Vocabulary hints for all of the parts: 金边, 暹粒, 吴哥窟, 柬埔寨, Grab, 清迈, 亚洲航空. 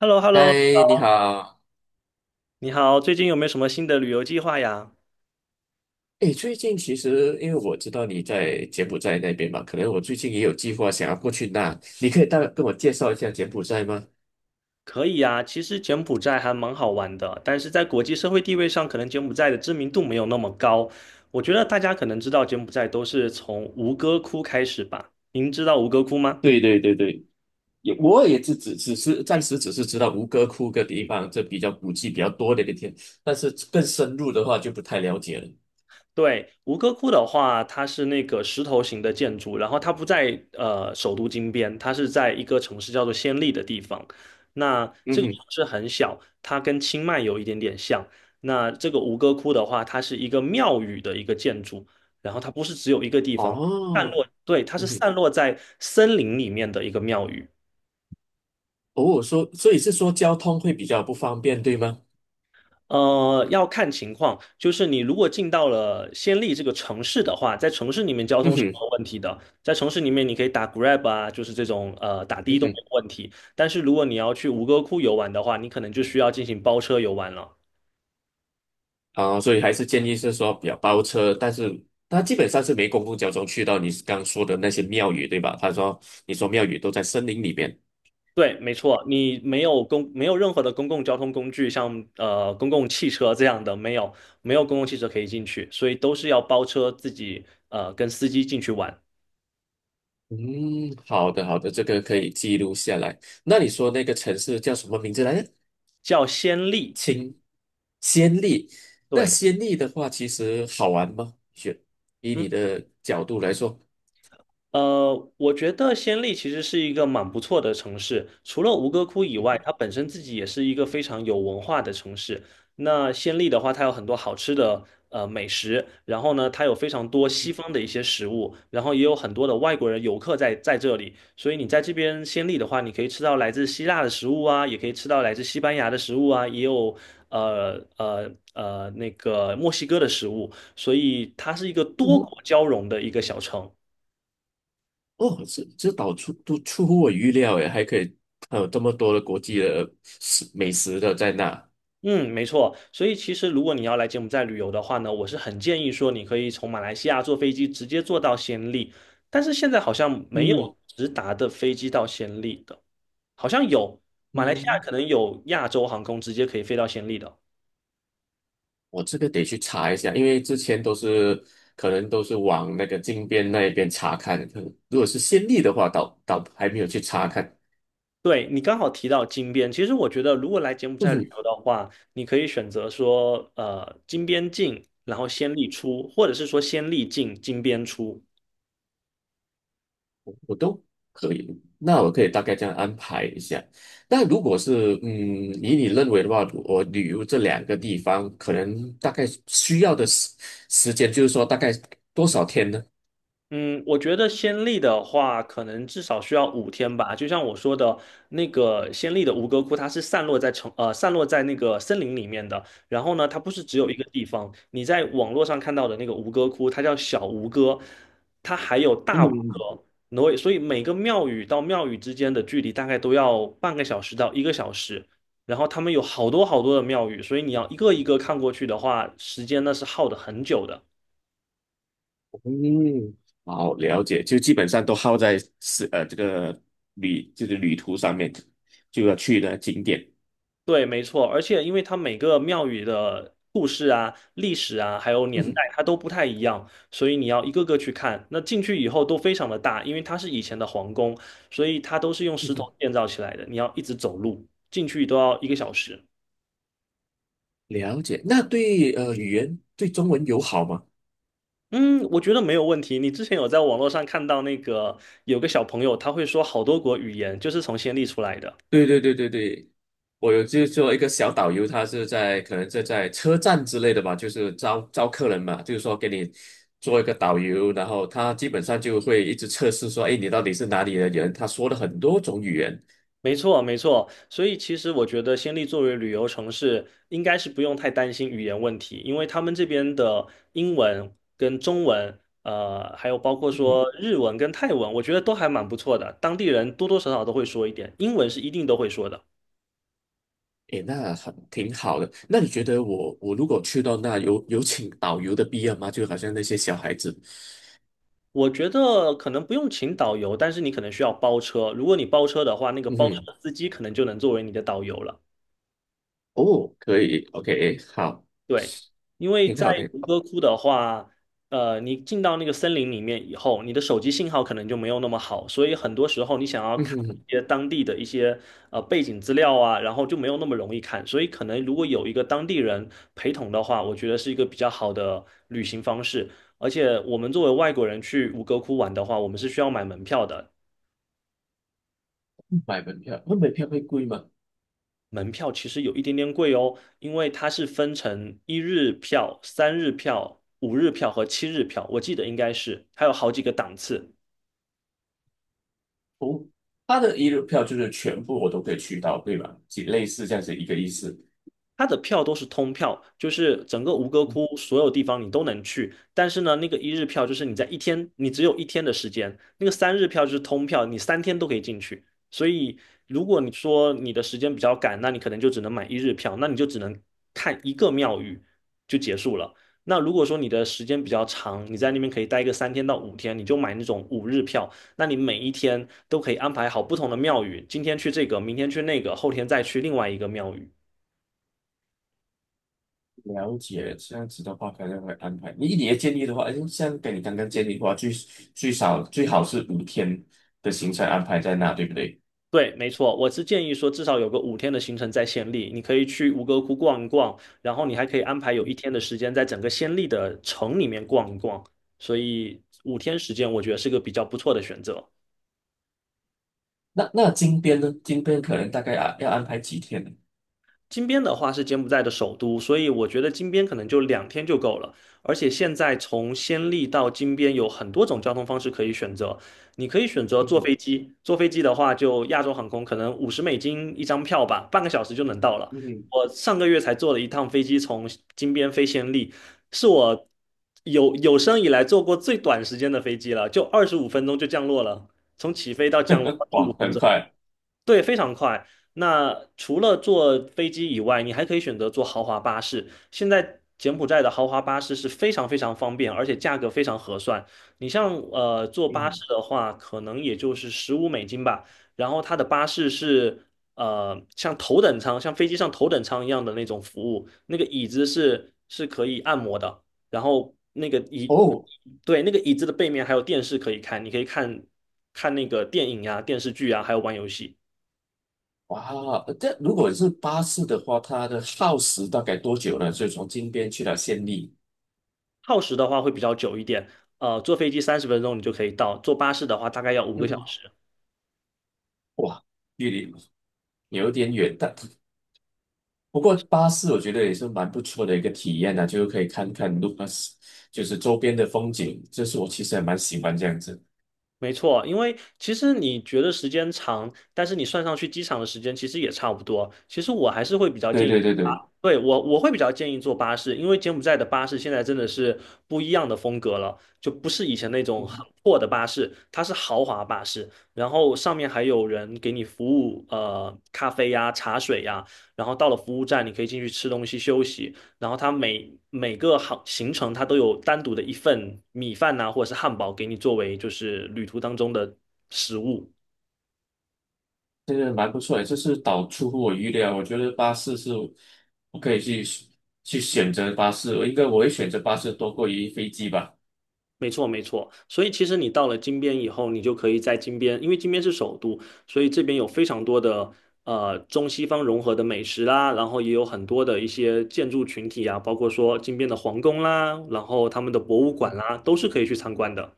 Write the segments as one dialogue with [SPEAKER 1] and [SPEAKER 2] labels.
[SPEAKER 1] h e l l o h e l l o。
[SPEAKER 2] 嗨，你好。
[SPEAKER 1] 你好，最近有没有什么新的旅游计划呀？
[SPEAKER 2] 诶，最近其实因为我知道你在柬埔寨那边嘛，可能我最近也有计划想要过去那，你可以大概跟我介绍一下柬埔寨吗？
[SPEAKER 1] 可以呀，其实柬埔寨还蛮好玩的，但是在国际社会地位上，可能柬埔寨的知名度没有那么高。我觉得大家可能知道柬埔寨都是从吴哥窟开始吧？您知道吴哥窟吗？
[SPEAKER 2] 对对对对，我也只是暂时只是知道吴哥窟个地方，这比较古迹比较多的一个地方，但是更深入的话就不太了解了。
[SPEAKER 1] 对，吴哥窟的话，它是那个石头型的建筑，然后它不在首都金边，它是在一个城市叫做暹粒的地方。那
[SPEAKER 2] 嗯
[SPEAKER 1] 这个城
[SPEAKER 2] 哼。
[SPEAKER 1] 市很小，它跟清迈有一点点像。那这个吴哥窟的话，它是一个庙宇的一个建筑，然后它不是只有一个地方散
[SPEAKER 2] 哦。
[SPEAKER 1] 落，对，它
[SPEAKER 2] 嗯
[SPEAKER 1] 是
[SPEAKER 2] 哼。
[SPEAKER 1] 散落在森林里面的一个庙宇。
[SPEAKER 2] 哦，所以是说交通会比较不方便，对吗？
[SPEAKER 1] 要看情况，就是你如果进到了暹粒这个城市的话，在城市里面交
[SPEAKER 2] 嗯
[SPEAKER 1] 通是没
[SPEAKER 2] 哼。
[SPEAKER 1] 有问题的，在城市里面你可以打 Grab 啊，就是这种打的
[SPEAKER 2] 嗯
[SPEAKER 1] 都没
[SPEAKER 2] 哼。
[SPEAKER 1] 有问题。但是如果你要去吴哥窟游玩的话，你可能就需要进行包车游玩了。
[SPEAKER 2] 啊，所以还是建议是说比较包车，但是它基本上是没公共交通去到你刚说的那些庙宇，对吧？你说庙宇都在森林里边。
[SPEAKER 1] 对，没错，你没有任何的公共交通工具，像公共汽车这样的，没有公共汽车可以进去，所以都是要包车自己跟司机进去玩，
[SPEAKER 2] 嗯，好的好的，这个可以记录下来。那你说那个城市叫什么名字来着？
[SPEAKER 1] 叫暹粒。
[SPEAKER 2] 清暹粒。那
[SPEAKER 1] 对。
[SPEAKER 2] 暹粒的话，其实好玩吗？以
[SPEAKER 1] 嗯。
[SPEAKER 2] 你的角度来说。
[SPEAKER 1] 我觉得暹粒其实是一个蛮不错的城市，除了吴哥窟以外，
[SPEAKER 2] 嗯。
[SPEAKER 1] 它本身自己也是一个非常有文化的城市。那暹粒的话，它有很多好吃的美食，然后呢，它有非常多西方的一些食物，然后也有很多的外国人游客在这里，所以你在这边暹粒的话，你可以吃到来自希腊的食物啊，也可以吃到来自西班牙的食物啊，也有那个墨西哥的食物，所以它是一个多
[SPEAKER 2] 嗯。
[SPEAKER 1] 国交融的一个小城。
[SPEAKER 2] 哦，这岛出都出乎我预料诶，还可以，还有这么多的国际的美食的在那。
[SPEAKER 1] 嗯，没错。所以其实如果你要来柬埔寨旅游的话呢，我是很建议说你可以从马来西亚坐飞机直接坐到暹粒，但是现在好像没
[SPEAKER 2] 嗯。
[SPEAKER 1] 有直达的飞机到暹粒的，好像有马来西亚
[SPEAKER 2] 嗯，
[SPEAKER 1] 可能有亚洲航空直接可以飞到暹粒的。
[SPEAKER 2] 我这个得去查一下，因为之前都是可能都是往那个金边那一边查看，可能如果是先例的话，倒还没有去查看。
[SPEAKER 1] 对，你刚好提到金边，其实我觉得如果来柬埔寨旅
[SPEAKER 2] 嗯，
[SPEAKER 1] 游的话，你可以选择说金边进，然后暹粒出，或者是说暹粒进金边出。
[SPEAKER 2] 我都可以，那我可以大概这样安排一下。那如果是，以你认为的话，我旅游这两个地方，可能大概需要的时间，就是说大概多少天呢？
[SPEAKER 1] 嗯，我觉得先例的话，可能至少需要五天吧。就像我说的，那个先例的吴哥窟，它是散落在那个森林里面的。然后呢，它不是只有一个
[SPEAKER 2] 嗯。
[SPEAKER 1] 地方。你在网络上看到的那个吴哥窟，它叫小吴哥，它还有大吴
[SPEAKER 2] 嗯。
[SPEAKER 1] 哥。然后所以每个庙宇到庙宇之间的距离大概都要半个小时到一个小时。然后他们有好多好多的庙宇，所以你要一个一个看过去的话，时间呢是耗的很久的。
[SPEAKER 2] 嗯，好，了解，就基本上都耗在是这个旅途上面，就要去的景点。
[SPEAKER 1] 对，没错，而且因为它每个庙宇的故事啊、历史啊，还有年代，
[SPEAKER 2] 嗯。
[SPEAKER 1] 它都不太一样，所以你要一个个去看。那进去以后都非常的大，因为它是以前的皇宫，所以它都是用石
[SPEAKER 2] 嗯，
[SPEAKER 1] 头建造起来的。你要一直走路进去都要一个小时。
[SPEAKER 2] 了解。那对语言对中文友好吗？
[SPEAKER 1] 嗯，我觉得没有问题。你之前有在网络上看到那个有个小朋友，他会说好多国语言，就是从暹粒出来的。
[SPEAKER 2] 对对对对对，我有就做一个小导游，他是在可能是在车站之类的吧，就是招客人嘛，就是说给你做一个导游，然后他基本上就会一直测试说，哎，你到底是哪里的人？他说了很多种语言。
[SPEAKER 1] 没错，没错。所以其实我觉得暹粒作为旅游城市，应该是不用太担心语言问题，因为他们这边的英文跟中文，还有包括
[SPEAKER 2] 嗯。
[SPEAKER 1] 说日文跟泰文，我觉得都还蛮不错的。当地人多多少少都会说一点，英文是一定都会说的。
[SPEAKER 2] 诶，那很挺好的。那你觉得我如果去到那有请导游的必要吗？就好像那些小孩子。
[SPEAKER 1] 我觉得可能不用请导游，但是你可能需要包车。如果你包车的话，那个
[SPEAKER 2] 嗯
[SPEAKER 1] 包车
[SPEAKER 2] 哼。
[SPEAKER 1] 司机可能就能作为你的导游了。
[SPEAKER 2] 哦，可以，OK，好，
[SPEAKER 1] 对，因为
[SPEAKER 2] 挺
[SPEAKER 1] 在
[SPEAKER 2] 好的。
[SPEAKER 1] 吴哥窟的话，你进到那个森林里面以后，你的手机信号可能就没有那么好，所以很多时候你想要
[SPEAKER 2] 嗯
[SPEAKER 1] 看
[SPEAKER 2] 哼。
[SPEAKER 1] 一些当地的一些背景资料啊，然后就没有那么容易看，所以可能如果有一个当地人陪同的话，我觉得是一个比较好的旅行方式。而且我们作为外国人去吴哥窟玩的话，我们是需要买门票的，
[SPEAKER 2] 买门票，那门票会贵吗？
[SPEAKER 1] 门票其实有一点点贵哦，因为它是分成一日票、三日票、五日票和七日票，我记得应该是，还有好几个档次。
[SPEAKER 2] 哦，他的一日票就是全部我都可以去到，对吧？几类似这样子一个意思。
[SPEAKER 1] 它的票都是通票，就是整个吴哥窟所有地方你都能去。但是呢，那个一日票就是你在一天，你只有一天的时间；那个三日票就是通票，你三天都可以进去。所以，如果你说你的时间比较赶，那你可能就只能买一日票，那你就只能看一个庙宇就结束了。那如果说你的时间比较长，你在那边可以待个3天到5天，你就买那种五日票。那你每一天都可以安排好不同的庙宇，今天去这个，明天去那个，后天再去另外一个庙宇。
[SPEAKER 2] 了解，这样子的话可能会安排。你的建议的话，诶像跟你刚刚建议的话，最少最好是五天的行程安排在那，对不对？
[SPEAKER 1] 对，没错，我是建议说至少有个五天的行程在暹粒，你可以去吴哥窟逛一逛，然后你还可以安排有一天的时间在整个暹粒的城里面逛一逛，所以五天时间我觉得是个比较不错的选择。
[SPEAKER 2] 那那金边呢？金边可能大概啊要安排几天呢？
[SPEAKER 1] 金边的话是柬埔寨的首都，所以我觉得金边可能就两天就够了。而且现在从暹粒到金边有很多种交通方式可以选择，你可以选择
[SPEAKER 2] 嗯
[SPEAKER 1] 坐
[SPEAKER 2] 哼。
[SPEAKER 1] 飞机，坐飞机的话就亚洲航空可能五十美金一张票吧，半个小时就能到了。
[SPEAKER 2] 嗯哼。
[SPEAKER 1] 我上个月才坐了一趟飞机从金边飞暹粒，是我有生以来坐过最短时间的飞机了，就二十五分钟就降落了，从起飞到降落二十五
[SPEAKER 2] 哇，
[SPEAKER 1] 分
[SPEAKER 2] 很
[SPEAKER 1] 钟。
[SPEAKER 2] 快。
[SPEAKER 1] 对，非常快。那除了坐飞机以外，你还可以选择坐豪华巴士。现在柬埔寨的豪华巴士是非常非常方便，而且价格非常合算。你像坐
[SPEAKER 2] 嗯
[SPEAKER 1] 巴
[SPEAKER 2] 哼。
[SPEAKER 1] 士的话，可能也就是15美金吧。然后它的巴士是像头等舱，像飞机上头等舱一样的那种服务，那个椅子是可以按摩的，然后那个椅，
[SPEAKER 2] 哦！
[SPEAKER 1] 对，那个椅子的背面还有电视可以看，你可以看看那个电影呀、电视剧啊，还有玩游戏。
[SPEAKER 2] 哇，这如果是巴士的话，它的耗时大概多久呢？所以从金边去到暹粒。
[SPEAKER 1] 耗时的话会比较久一点，坐飞机30分钟你就可以到，坐巴士的话大概要五个
[SPEAKER 2] 嗯
[SPEAKER 1] 小
[SPEAKER 2] 哼。
[SPEAKER 1] 时。
[SPEAKER 2] 哇，距离有点远，但不过巴士我觉得也是蛮不错的一个体验呢、就是可以看看路，就是周边的风景，这是我其实还蛮喜欢这样子。
[SPEAKER 1] 没错，因为其实你觉得时间长，但是你算上去机场的时间其实也差不多。其实我还是会比较建
[SPEAKER 2] 对
[SPEAKER 1] 议
[SPEAKER 2] 对对
[SPEAKER 1] 啊，
[SPEAKER 2] 对。
[SPEAKER 1] 对，我会比较建议坐巴士，因为柬埔寨的巴士现在真的是不一样的风格了，就不是以前那种
[SPEAKER 2] 嗯。
[SPEAKER 1] 很破的巴士，它是豪华巴士，然后上面还有人给你服务，咖啡呀、茶水呀，然后到了服务站你可以进去吃东西休息。然后它每个行程它都有单独的一份米饭呐、或者是汉堡给你作为就是旅途当中的食物。
[SPEAKER 2] 这个蛮不错诶，这是倒出乎我预料。我觉得巴士是我可以去选择巴士，我应该我会选择巴士多过于飞机吧。
[SPEAKER 1] 没错，没错。所以其实你到了金边以后，你就可以在金边，因为金边是首都，所以这边有非常多的中西方融合的美食啦，然后也有很多的一些建筑群体啊，包括说金边的皇宫啦，然后他们的博物馆啦，都是可以去参观的。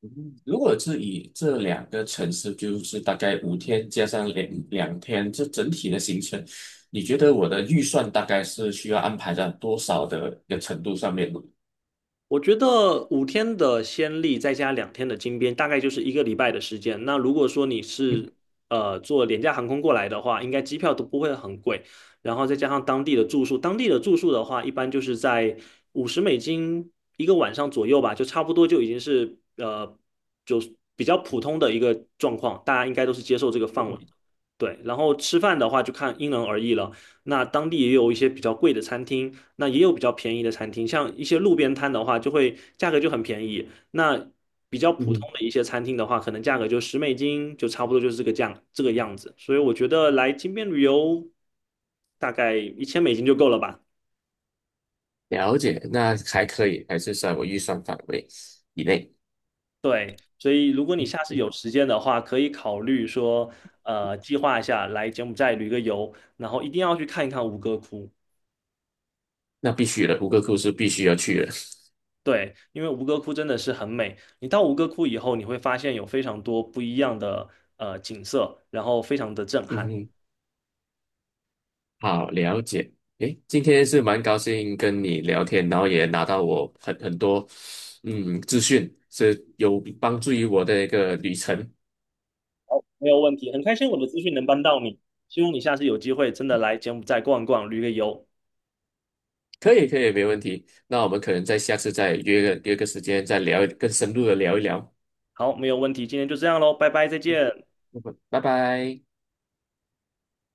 [SPEAKER 2] 嗯，如果是以这两个城市，就是大概五天加上两天，这整体的行程，你觉得我的预算大概是需要安排在多少的一个程度上面呢？
[SPEAKER 1] 我觉得五天的先例再加两天的金边，大概就是一个礼拜的时间。那如果说你是坐廉价航空过来的话，应该机票都不会很贵，然后再加上当地的住宿，当地的住宿的话，一般就是在五十美金一个晚上左右吧，就差不多就已经是就比较普通的一个状况，大家应该都是接受这个范围。
[SPEAKER 2] 嗯。
[SPEAKER 1] 对，然后吃饭的话就看因人而异了。那当地也有一些比较贵的餐厅，那也有比较便宜的餐厅，像一些路边摊的话，就会价格就很便宜。那比较普
[SPEAKER 2] 嗯，
[SPEAKER 1] 通的一些餐厅的话，可能价格就十美金，就差不多就是这个价这个样子。所以我觉得来金边旅游，大概1000美金就够了吧。
[SPEAKER 2] 了解，那还可以，还是在我预算范围以内。
[SPEAKER 1] 对，所以如果你
[SPEAKER 2] 嗯，
[SPEAKER 1] 下次有时间的话，可以考虑说，计划一下来柬埔寨旅个游，然后一定要去看一看吴哥窟。
[SPEAKER 2] 那必须的，胡克库是必须要去的。
[SPEAKER 1] 对，因为吴哥窟真的是很美。你到吴哥窟以后，你会发现有非常多不一样的景色，然后非常的震 撼。
[SPEAKER 2] 嗯，好，了解。诶，今天是蛮高兴跟你聊天，然后也拿到我很多资讯，是有帮助于我的一个旅程。
[SPEAKER 1] 好，没有问题，很开心我的资讯能帮到你，希望你下次有机会真的来柬埔寨逛一逛，旅个游。
[SPEAKER 2] 可以，可以，没问题。那我们可能在下次再约个时间再聊，更深入的聊一聊。
[SPEAKER 1] 好，没有问题，今天就这样喽，拜拜，再见。
[SPEAKER 2] 嗯，拜拜。